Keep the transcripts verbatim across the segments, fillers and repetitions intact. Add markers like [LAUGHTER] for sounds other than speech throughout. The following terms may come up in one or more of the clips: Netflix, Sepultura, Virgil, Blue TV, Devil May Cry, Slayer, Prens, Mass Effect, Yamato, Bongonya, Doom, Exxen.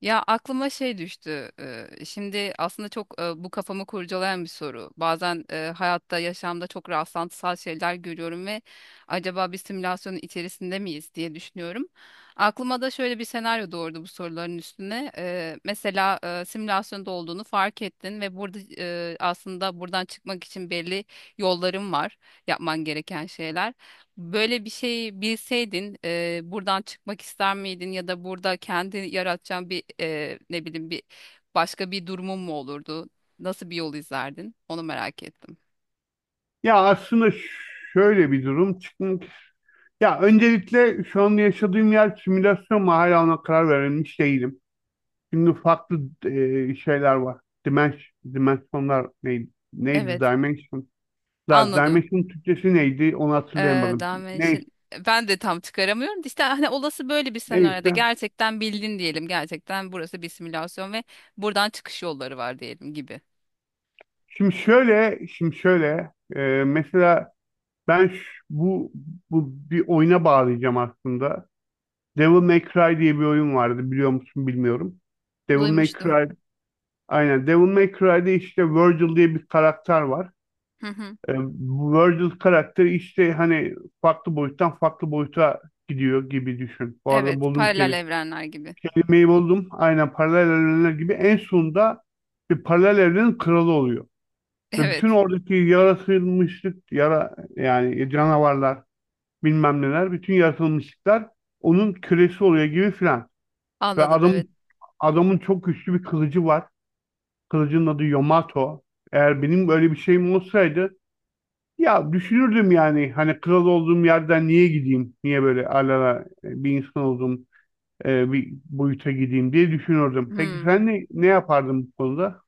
Ya aklıma şey düştü. e, Şimdi aslında çok e, bu kafamı kurcalayan bir soru. Bazen e, hayatta, yaşamda çok rastlantısal şeyler görüyorum ve acaba bir simülasyonun içerisinde miyiz diye düşünüyorum. Aklıma da şöyle bir senaryo doğurdu bu soruların üstüne. E, Mesela e, simülasyonda olduğunu fark ettin ve burada e, aslında buradan çıkmak için belli yolların var, yapman gereken şeyler. Böyle bir şey bilseydin e, buradan çıkmak ister miydin ya da burada kendi yaratacağın bir e, ne bileyim bir başka bir durumun mu olurdu? Nasıl bir yol izlerdin? Onu merak ettim. Ya aslında şöyle bir durum çıkmak. Ya öncelikle şu an yaşadığım yer simülasyon mu, hala ona karar verilmiş değilim. Şimdi farklı e, şeyler var. Dimens, dimensionlar neydi? Neydi? Evet, Dimension. Last anladım. Dimension Türkçesi neydi? Onu Ee, hatırlayamadım. Dalmatian- Neyse. ben de tam çıkaramıyorum. İşte hani olası böyle bir senaryoda Neyse. gerçekten bildin diyelim. Gerçekten burası bir simülasyon ve buradan çıkış yolları var diyelim gibi. Şimdi şöyle, şimdi şöyle. E, mesela ben ş- bu bu bir oyuna bağlayacağım aslında. Devil May Cry diye bir oyun vardı, biliyor musun bilmiyorum. Devil May Duymuştum. Cry Aynen. Devil May Cry'de işte Virgil diye bir karakter var. Hı hı. Ee, bu Virgil karakteri işte hani farklı boyuttan farklı boyuta gidiyor gibi düşün. Bu arada Evet, buldum paralel kelime. evrenler gibi. Kelimeyi buldum. Aynen paralel evrenler gibi en sonunda bir paralel evrenin kralı oluyor. [LAUGHS] Ve bütün Evet, oradaki yaratılmışlık, yara, yani canavarlar, bilmem neler, bütün yaratılmışlıklar onun kölesi oluyor gibi filan. Ve anladım evet. adamın adamın çok güçlü bir kılıcı var. Kılıcın adı Yamato. Eğer benim böyle bir şeyim olsaydı, ya düşünürdüm yani, hani kral olduğum yerden niye gideyim? Niye böyle alala bir insan olduğum e, bir boyuta gideyim diye düşünürdüm. Peki Hmm. sen ne, ne yapardın bu konuda?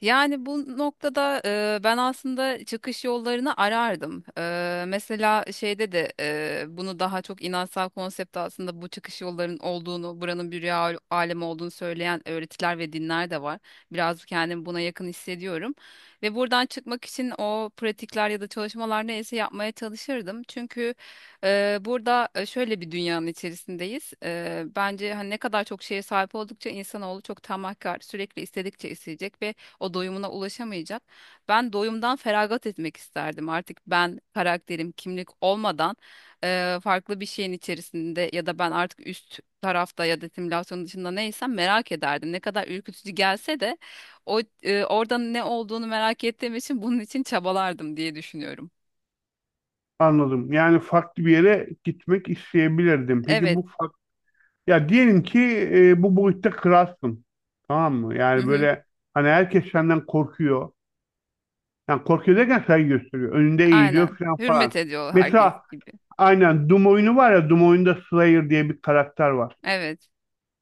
Yani bu noktada e, ben aslında çıkış yollarını arardım. E, mesela şeyde de e, bunu daha çok inansal konsepte aslında bu çıkış yollarının olduğunu, buranın bir rüya al- alemi olduğunu söyleyen öğretiler ve dinler de var. Biraz kendimi buna yakın hissediyorum. Ve buradan çıkmak için o pratikler ya da çalışmalar neyse yapmaya çalışırdım. Çünkü e, burada e, şöyle bir dünyanın içerisindeyiz. E, bence hani ne kadar çok şeye sahip oldukça insanoğlu çok tamahkar, sürekli istedikçe isteyecek ve o doyumuna ulaşamayacak. Ben doyumdan feragat etmek isterdim. Artık ben karakterim, kimlik olmadan eee, farklı bir şeyin içerisinde ya da ben artık üst tarafta ya da simülasyon dışında neysem merak ederdim. Ne kadar ürkütücü gelse de o eee, orada ne olduğunu merak ettiğim için bunun için çabalardım diye düşünüyorum. Anladım. Yani farklı bir yere gitmek isteyebilirdim. Peki Evet. bu fark, ya diyelim ki e, bu boyutta kralsın. Tamam mı? Hı Yani hı. böyle hani herkes senden korkuyor. Yani korkuyor derken saygı gösteriyor. Önünde eğiliyor Aynen. falan Hürmet falan. ediyor herkes Mesela gibi. aynen Doom oyunu var ya, Doom oyunda Slayer diye bir karakter var. Evet.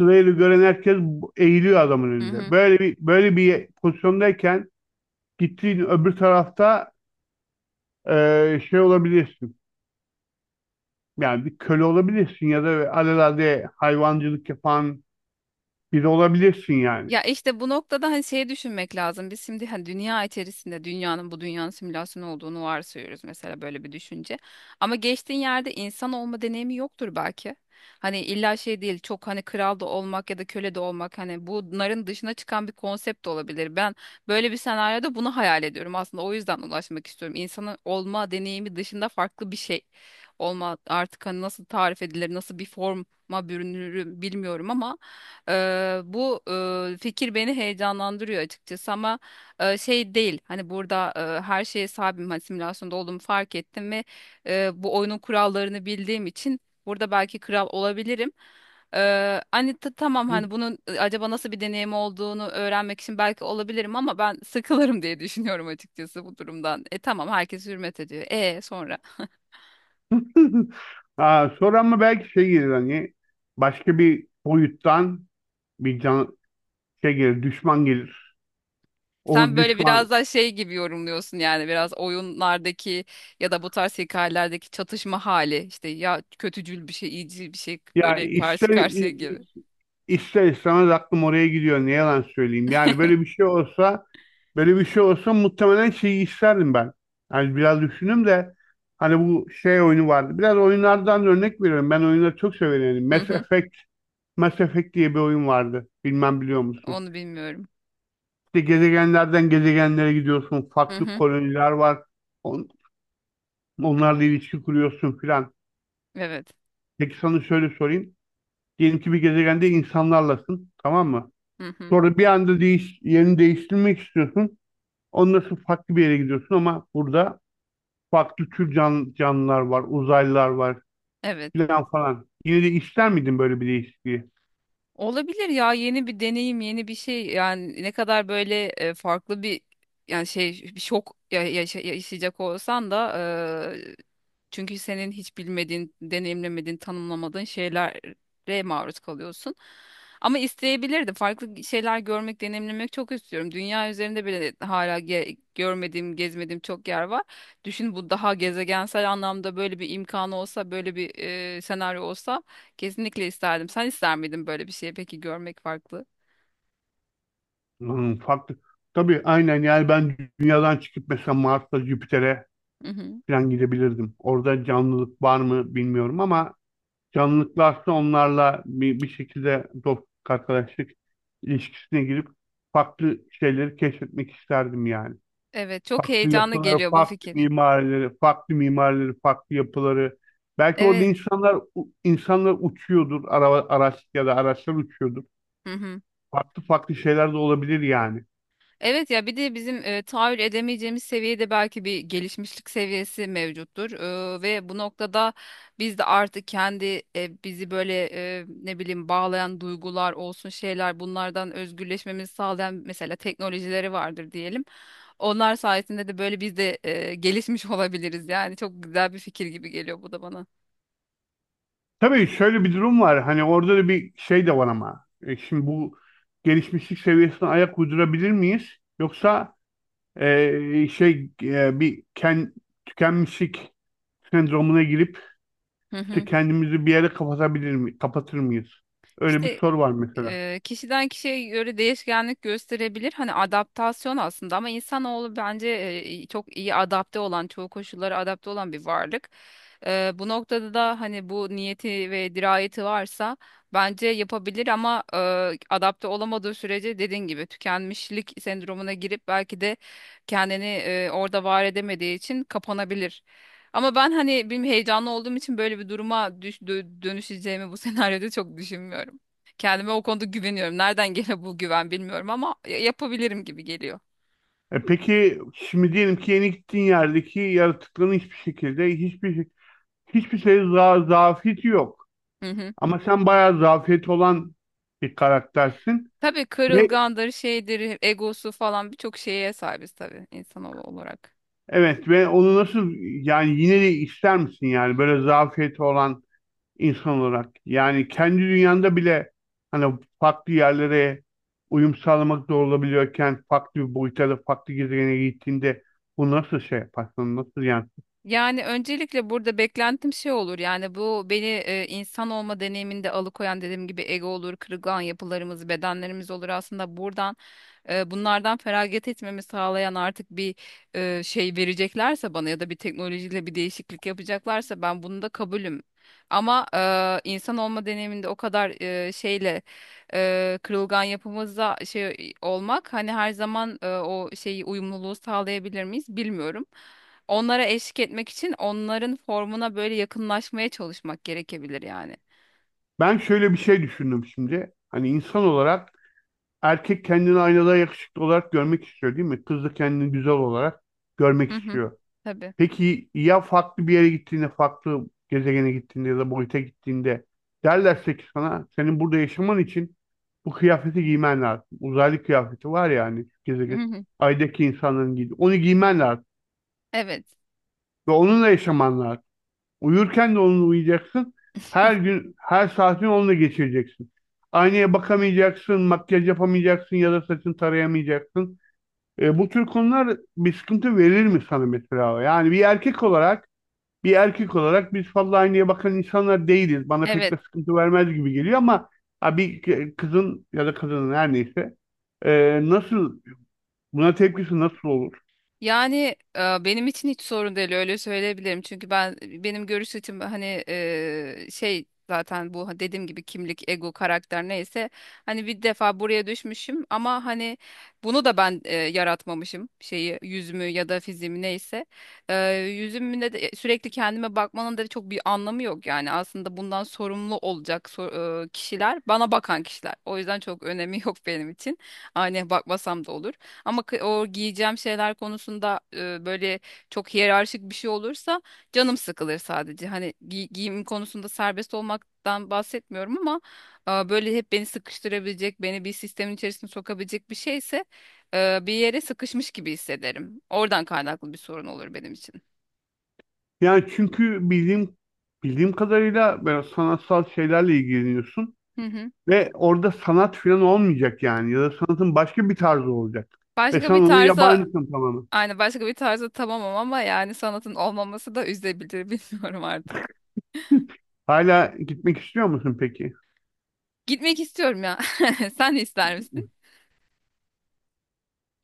Slayer'ı gören herkes bu- eğiliyor adamın Hı önünde. hı. Böyle bir böyle bir pozisyondayken gittiğin öbür tarafta e, şey olabilirsin. Yani bir köle olabilirsin ya da alelade hayvancılık yapan biri olabilirsin yani. Ya işte bu noktada hani şey düşünmek lazım. Biz şimdi hani dünya içerisinde dünyanın bu dünyanın simülasyon olduğunu varsayıyoruz mesela böyle bir düşünce. Ama geçtiğin yerde insan olma deneyimi yoktur belki. Hani illa şey değil çok hani kral da olmak ya da köle de olmak hani bunların dışına çıkan bir konsept de olabilir. Ben böyle bir senaryoda bunu hayal ediyorum aslında o yüzden ulaşmak istiyorum. İnsanın olma deneyimi dışında farklı bir şey olma artık hani nasıl tarif edilir nasıl bir forma bürünür bilmiyorum ama Eee, bu eee, fikir beni heyecanlandırıyor açıkçası ama eee, şey değil hani burada eee, her şeye sahibim. Hani simülasyonda olduğumu fark ettim ve eee, bu oyunun kurallarını bildiğim için burada belki kral olabilirim. Eee, hani ta- tamam hani bunun e, acaba nasıl bir deneyim olduğunu öğrenmek için belki olabilirim ama ben sıkılırım diye düşünüyorum açıkçası bu durumdan. E tamam herkes hürmet ediyor. E sonra. [LAUGHS] Ha, sonra ama belki şey gelir, hani başka bir boyuttan bir can şey gelir, düşman gelir. O Sen böyle düşman, biraz daha şey gibi yorumluyorsun yani biraz oyunlardaki ya da bu tarz hikayelerdeki çatışma hali işte ya kötücül bir şey iyicil bir şey ya böyle ister karşı i- karşıya i- gibi. ister istemez aklım oraya gidiyor. Ne yalan söyleyeyim. Yani böyle bir şey olsa, böyle bir şey olsa muhtemelen şeyi isterdim ben. Yani biraz düşündüm de, hani bu şey oyunu vardı. Biraz oyunlardan örnek veriyorum. Ben oyunları çok severim. Yani Hı Mass hı, Effect, Mass Effect diye bir oyun vardı. Bilmem biliyor musun? onu bilmiyorum. İşte gezegenlerden gezegenlere gidiyorsun. Hı Farklı hı, koloniler var. On, onlarla ilişki kuruyorsun filan. evet. Peki sana şöyle sorayım. Diyelim ki bir gezegende insanlarlasın. Tamam mı? Hı hı, Sonra bir anda değiş, yerini değiştirmek istiyorsun. Ondan sonra farklı bir yere gidiyorsun, ama burada farklı tür can, canlılar var, uzaylılar var evet. filan falan. Yine de ister miydin böyle bir değişikliği? Olabilir ya yeni bir deneyim yeni bir şey yani ne kadar böyle e, farklı bir yani şey bir şok ya- yaşa- yaşayacak olsan da e, çünkü senin hiç bilmediğin deneyimlemediğin tanımlamadığın şeylere maruz kalıyorsun. Ama isteyebilirdim farklı şeyler görmek deneyimlemek çok istiyorum. Dünya üzerinde bile hala ge- görmediğim gezmediğim çok yer var. Düşün bu daha gezegensel anlamda böyle bir imkanı olsa böyle bir e, senaryo olsa. Kesinlikle isterdim. Sen ister miydin böyle bir şeyi peki görmek farklı? Hmm, farklı. Tabii aynen, yani ben dünyadan çıkıp mesela Mars'a, Jüpiter'e Hı hı. falan gidebilirdim. Orada canlılık var mı bilmiyorum, ama canlılık varsa onlarla bir, bir şekilde dostluk, arkadaşlık ilişkisine girip farklı şeyleri keşfetmek isterdim yani. Evet, çok Farklı heyecanlı yapıları, geliyor bu farklı fikir. mimarileri, farklı mimarileri, farklı yapıları. Belki orada Evet. insanlar insanlar uçuyordur, araba, araç ya da araçlar uçuyordur. Hı hı. Farklı farklı şeyler de olabilir yani. Evet ya bir de bizim e, tahayyül edemeyeceğimiz seviyede belki bir gelişmişlik seviyesi mevcuttur. E, ve bu noktada biz de artık kendi e, bizi böyle e, ne bileyim bağlayan duygular olsun şeyler bunlardan özgürleşmemizi sağlayan mesela teknolojileri vardır diyelim. Onlar sayesinde de böyle biz de e, gelişmiş [LAUGHS] olabiliriz. Yani çok güzel bir fikir gibi geliyor bu da bana. Tabii şöyle bir durum var. Hani orada da bir şey de var ama. E, şimdi bu gelişmişlik seviyesine ayak uydurabilir miyiz? Yoksa e, şey e, bir ken, tükenmişlik sendromuna girip Hı işte hı. kendimizi bir yere kapatabilir mi, kapatır mıyız? Öyle bir İşte soru var mesela. e, kişiden kişiye göre değişkenlik gösterebilir. Hani adaptasyon aslında ama insanoğlu bence e, çok iyi adapte olan, çoğu koşullara adapte olan bir varlık. E, bu noktada da hani bu niyeti ve dirayeti varsa bence yapabilir ama e, adapte olamadığı sürece dediğin gibi tükenmişlik sendromuna girip belki de kendini e, orada var edemediği için kapanabilir. Ama ben hani benim heyecanlı olduğum için böyle bir duruma düş- dö- dönüşeceğimi bu [LAUGHS] senaryoda çok düşünmüyorum. Kendime o konuda güveniyorum. Nereden gene bu güven bilmiyorum ama ya- yapabilirim gibi geliyor. E peki, şimdi diyelim ki yeni gittiğin yerdeki yaratıkların hiçbir şekilde hiçbir hiçbir şey, za zafiyeti yok. Hı hı. Ama sen bayağı zafiyet olan bir karaktersin, Tabii ve kırılgandır, şeydir, egosu falan birçok şeye sahibiz tabii insan olarak. evet, ve onu nasıl, yani yine de ister misin yani böyle zafiyeti olan insan olarak, yani kendi dünyanda bile hani farklı yerlere uyum sağlamak zor olabiliyorken farklı bir boyuta, da farklı gezegene gittiğinde bu nasıl şey yaparsın, nasıl yani? Yani öncelikle burada beklentim şey olur. Yani bu beni e, insan olma deneyiminde alıkoyan dediğim gibi ego olur, kırılgan yapılarımız, bedenlerimiz olur. Aslında buradan e, bunlardan feragat etmemi sağlayan artık bir e, şey vereceklerse bana ya da bir teknolojiyle bir değişiklik yapacaklarsa ben bunu da kabulüm. Ama e, insan olma deneyiminde o kadar e, şeyle e, kırılgan yapımızda şey olmak hani her zaman e, o şeyi uyumluluğu sağlayabilir miyiz bilmiyorum. Onlara eşlik etmek için onların formuna böyle yakınlaşmaya çalışmak gerekebilir yani. Ben şöyle bir şey düşündüm şimdi. Hani insan olarak erkek kendini aynada yakışıklı olarak görmek istiyor değil mi? Kız da kendini güzel olarak görmek Hı hı. istiyor. Tabii. Peki ya farklı bir yere gittiğinde, farklı gezegene gittiğinde ya da boyuta gittiğinde, derlerse ki sana senin burada yaşaman için bu kıyafeti giymen lazım. Uzaylı kıyafeti var ya hani, Hı gezegen, hı. aydaki insanların giydiği. Onu giymen lazım Evet. ve onunla yaşaman lazım. Uyurken de onunla uyuyacaksın. Her [LAUGHS] gün, her saatini onunla geçireceksin. Aynaya bakamayacaksın, makyaj yapamayacaksın ya da saçını tarayamayacaksın. E, bu tür konular bir sıkıntı verir mi sana mesela? Yani bir erkek olarak, bir erkek olarak biz fazla aynaya bakan insanlar değiliz. Bana pek Evet. de sıkıntı vermez gibi geliyor ama, ha, bir kızın ya da kadının her neyse, e, nasıl buna tepkisi nasıl olur? Yani e, benim için hiç sorun değil öyle söyleyebilirim. Çünkü ben benim görüş açım hani e, şey zaten bu hani, dediğim gibi kimlik, ego, karakter neyse hani bir defa buraya düşmüşüm ama hani bunu da ben e, yaratmamışım şeyi yüzümü ya da fiziğimi neyse. E, yüzümde de sürekli kendime bakmanın da çok bir anlamı yok yani aslında bundan sorumlu olacak so- e, kişiler bana bakan kişiler. O yüzden çok önemi [LAUGHS] yok benim için. Aynaya bakmasam da olur. Ama kı- o giyeceğim şeyler konusunda e, böyle çok hiyerarşik bir şey olursa canım sıkılır sadece. Hani gi- giyim konusunda serbest olmaktan bahsetmiyorum ama e, böyle hep beni sıkıştırabilecek, beni bir sistemin içerisine sokabilecek bir şeyse e, bir yere sıkışmış gibi hissederim. Oradan kaynaklı bir sorun olur benim için. Yani çünkü bildiğim bildiğim kadarıyla böyle sanatsal şeylerle ilgileniyorsun. Hı hı. Ve orada sanat falan olmayacak yani. Ya da sanatın başka bir tarzı olacak. Ve Başka sen bir ona tarza, yabancısın tamamen. aynı başka bir tarza tamamım ama yani sanatın olmaması da üzebilir [LAUGHS] bilmiyorum artık. Hala gitmek istiyor musun peki? Gitmek istiyorum ya. [LAUGHS] Sen ister misin?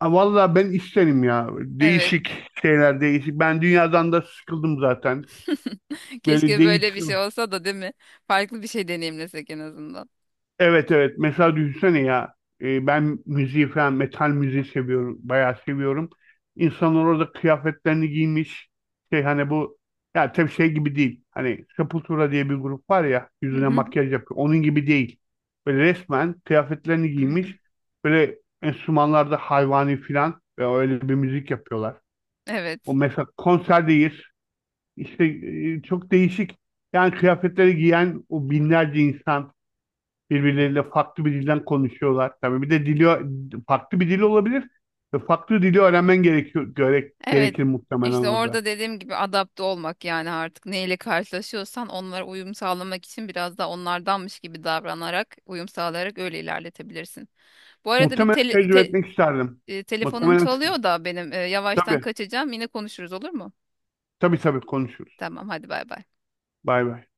Ha, vallahi ben isterim ya. Evet. Değişik şeyler, değişik. Ben dünyadan da sıkıldım zaten. [LAUGHS] Böyle Keşke böyle bir şey değişsin. olsa da değil mi? Farklı bir şey deneyimlesek en azından. Evet, evet. Mesela düşünsene ya, e, ben müziği falan, metal müziği seviyorum. Bayağı seviyorum. İnsanlar orada kıyafetlerini giymiş. Şey hani bu, ya tabii şey gibi değil. Hani Sepultura diye bir grup var ya, [LAUGHS] Hı yüzüne hı. makyaj yapıyor. Onun gibi değil. Böyle resmen kıyafetlerini giymiş. [CLEARS THROAT] Böyle enstrümanlarda hayvani falan, ve öyle bir müzik yapıyorlar. Evet. O mesela konserdeyiz. İşte e, çok değişik. Yani kıyafetleri giyen o binlerce insan birbirleriyle farklı bir dilden konuşuyorlar. Tabii bir de dili, farklı bir dil olabilir ve farklı dili öğrenmen gerekiyor gerek, Evet. gerekir muhtemelen İşte orada. orada dediğim gibi adapte olmak yani artık neyle karşılaşıyorsan onlara uyum sağlamak için biraz da onlardanmış gibi davranarak, uyum sağlayarak öyle ilerletebilirsin. Bu arada bir Muhtemelen tele- tecrübe te- etmek isterdim. e, telefonum Muhtemelen, çalıyor da benim e, yavaştan tabii, kaçacağım. Yine konuşuruz olur mu? tabii tabii konuşuruz. Tamam hadi bay bay. Bay bay.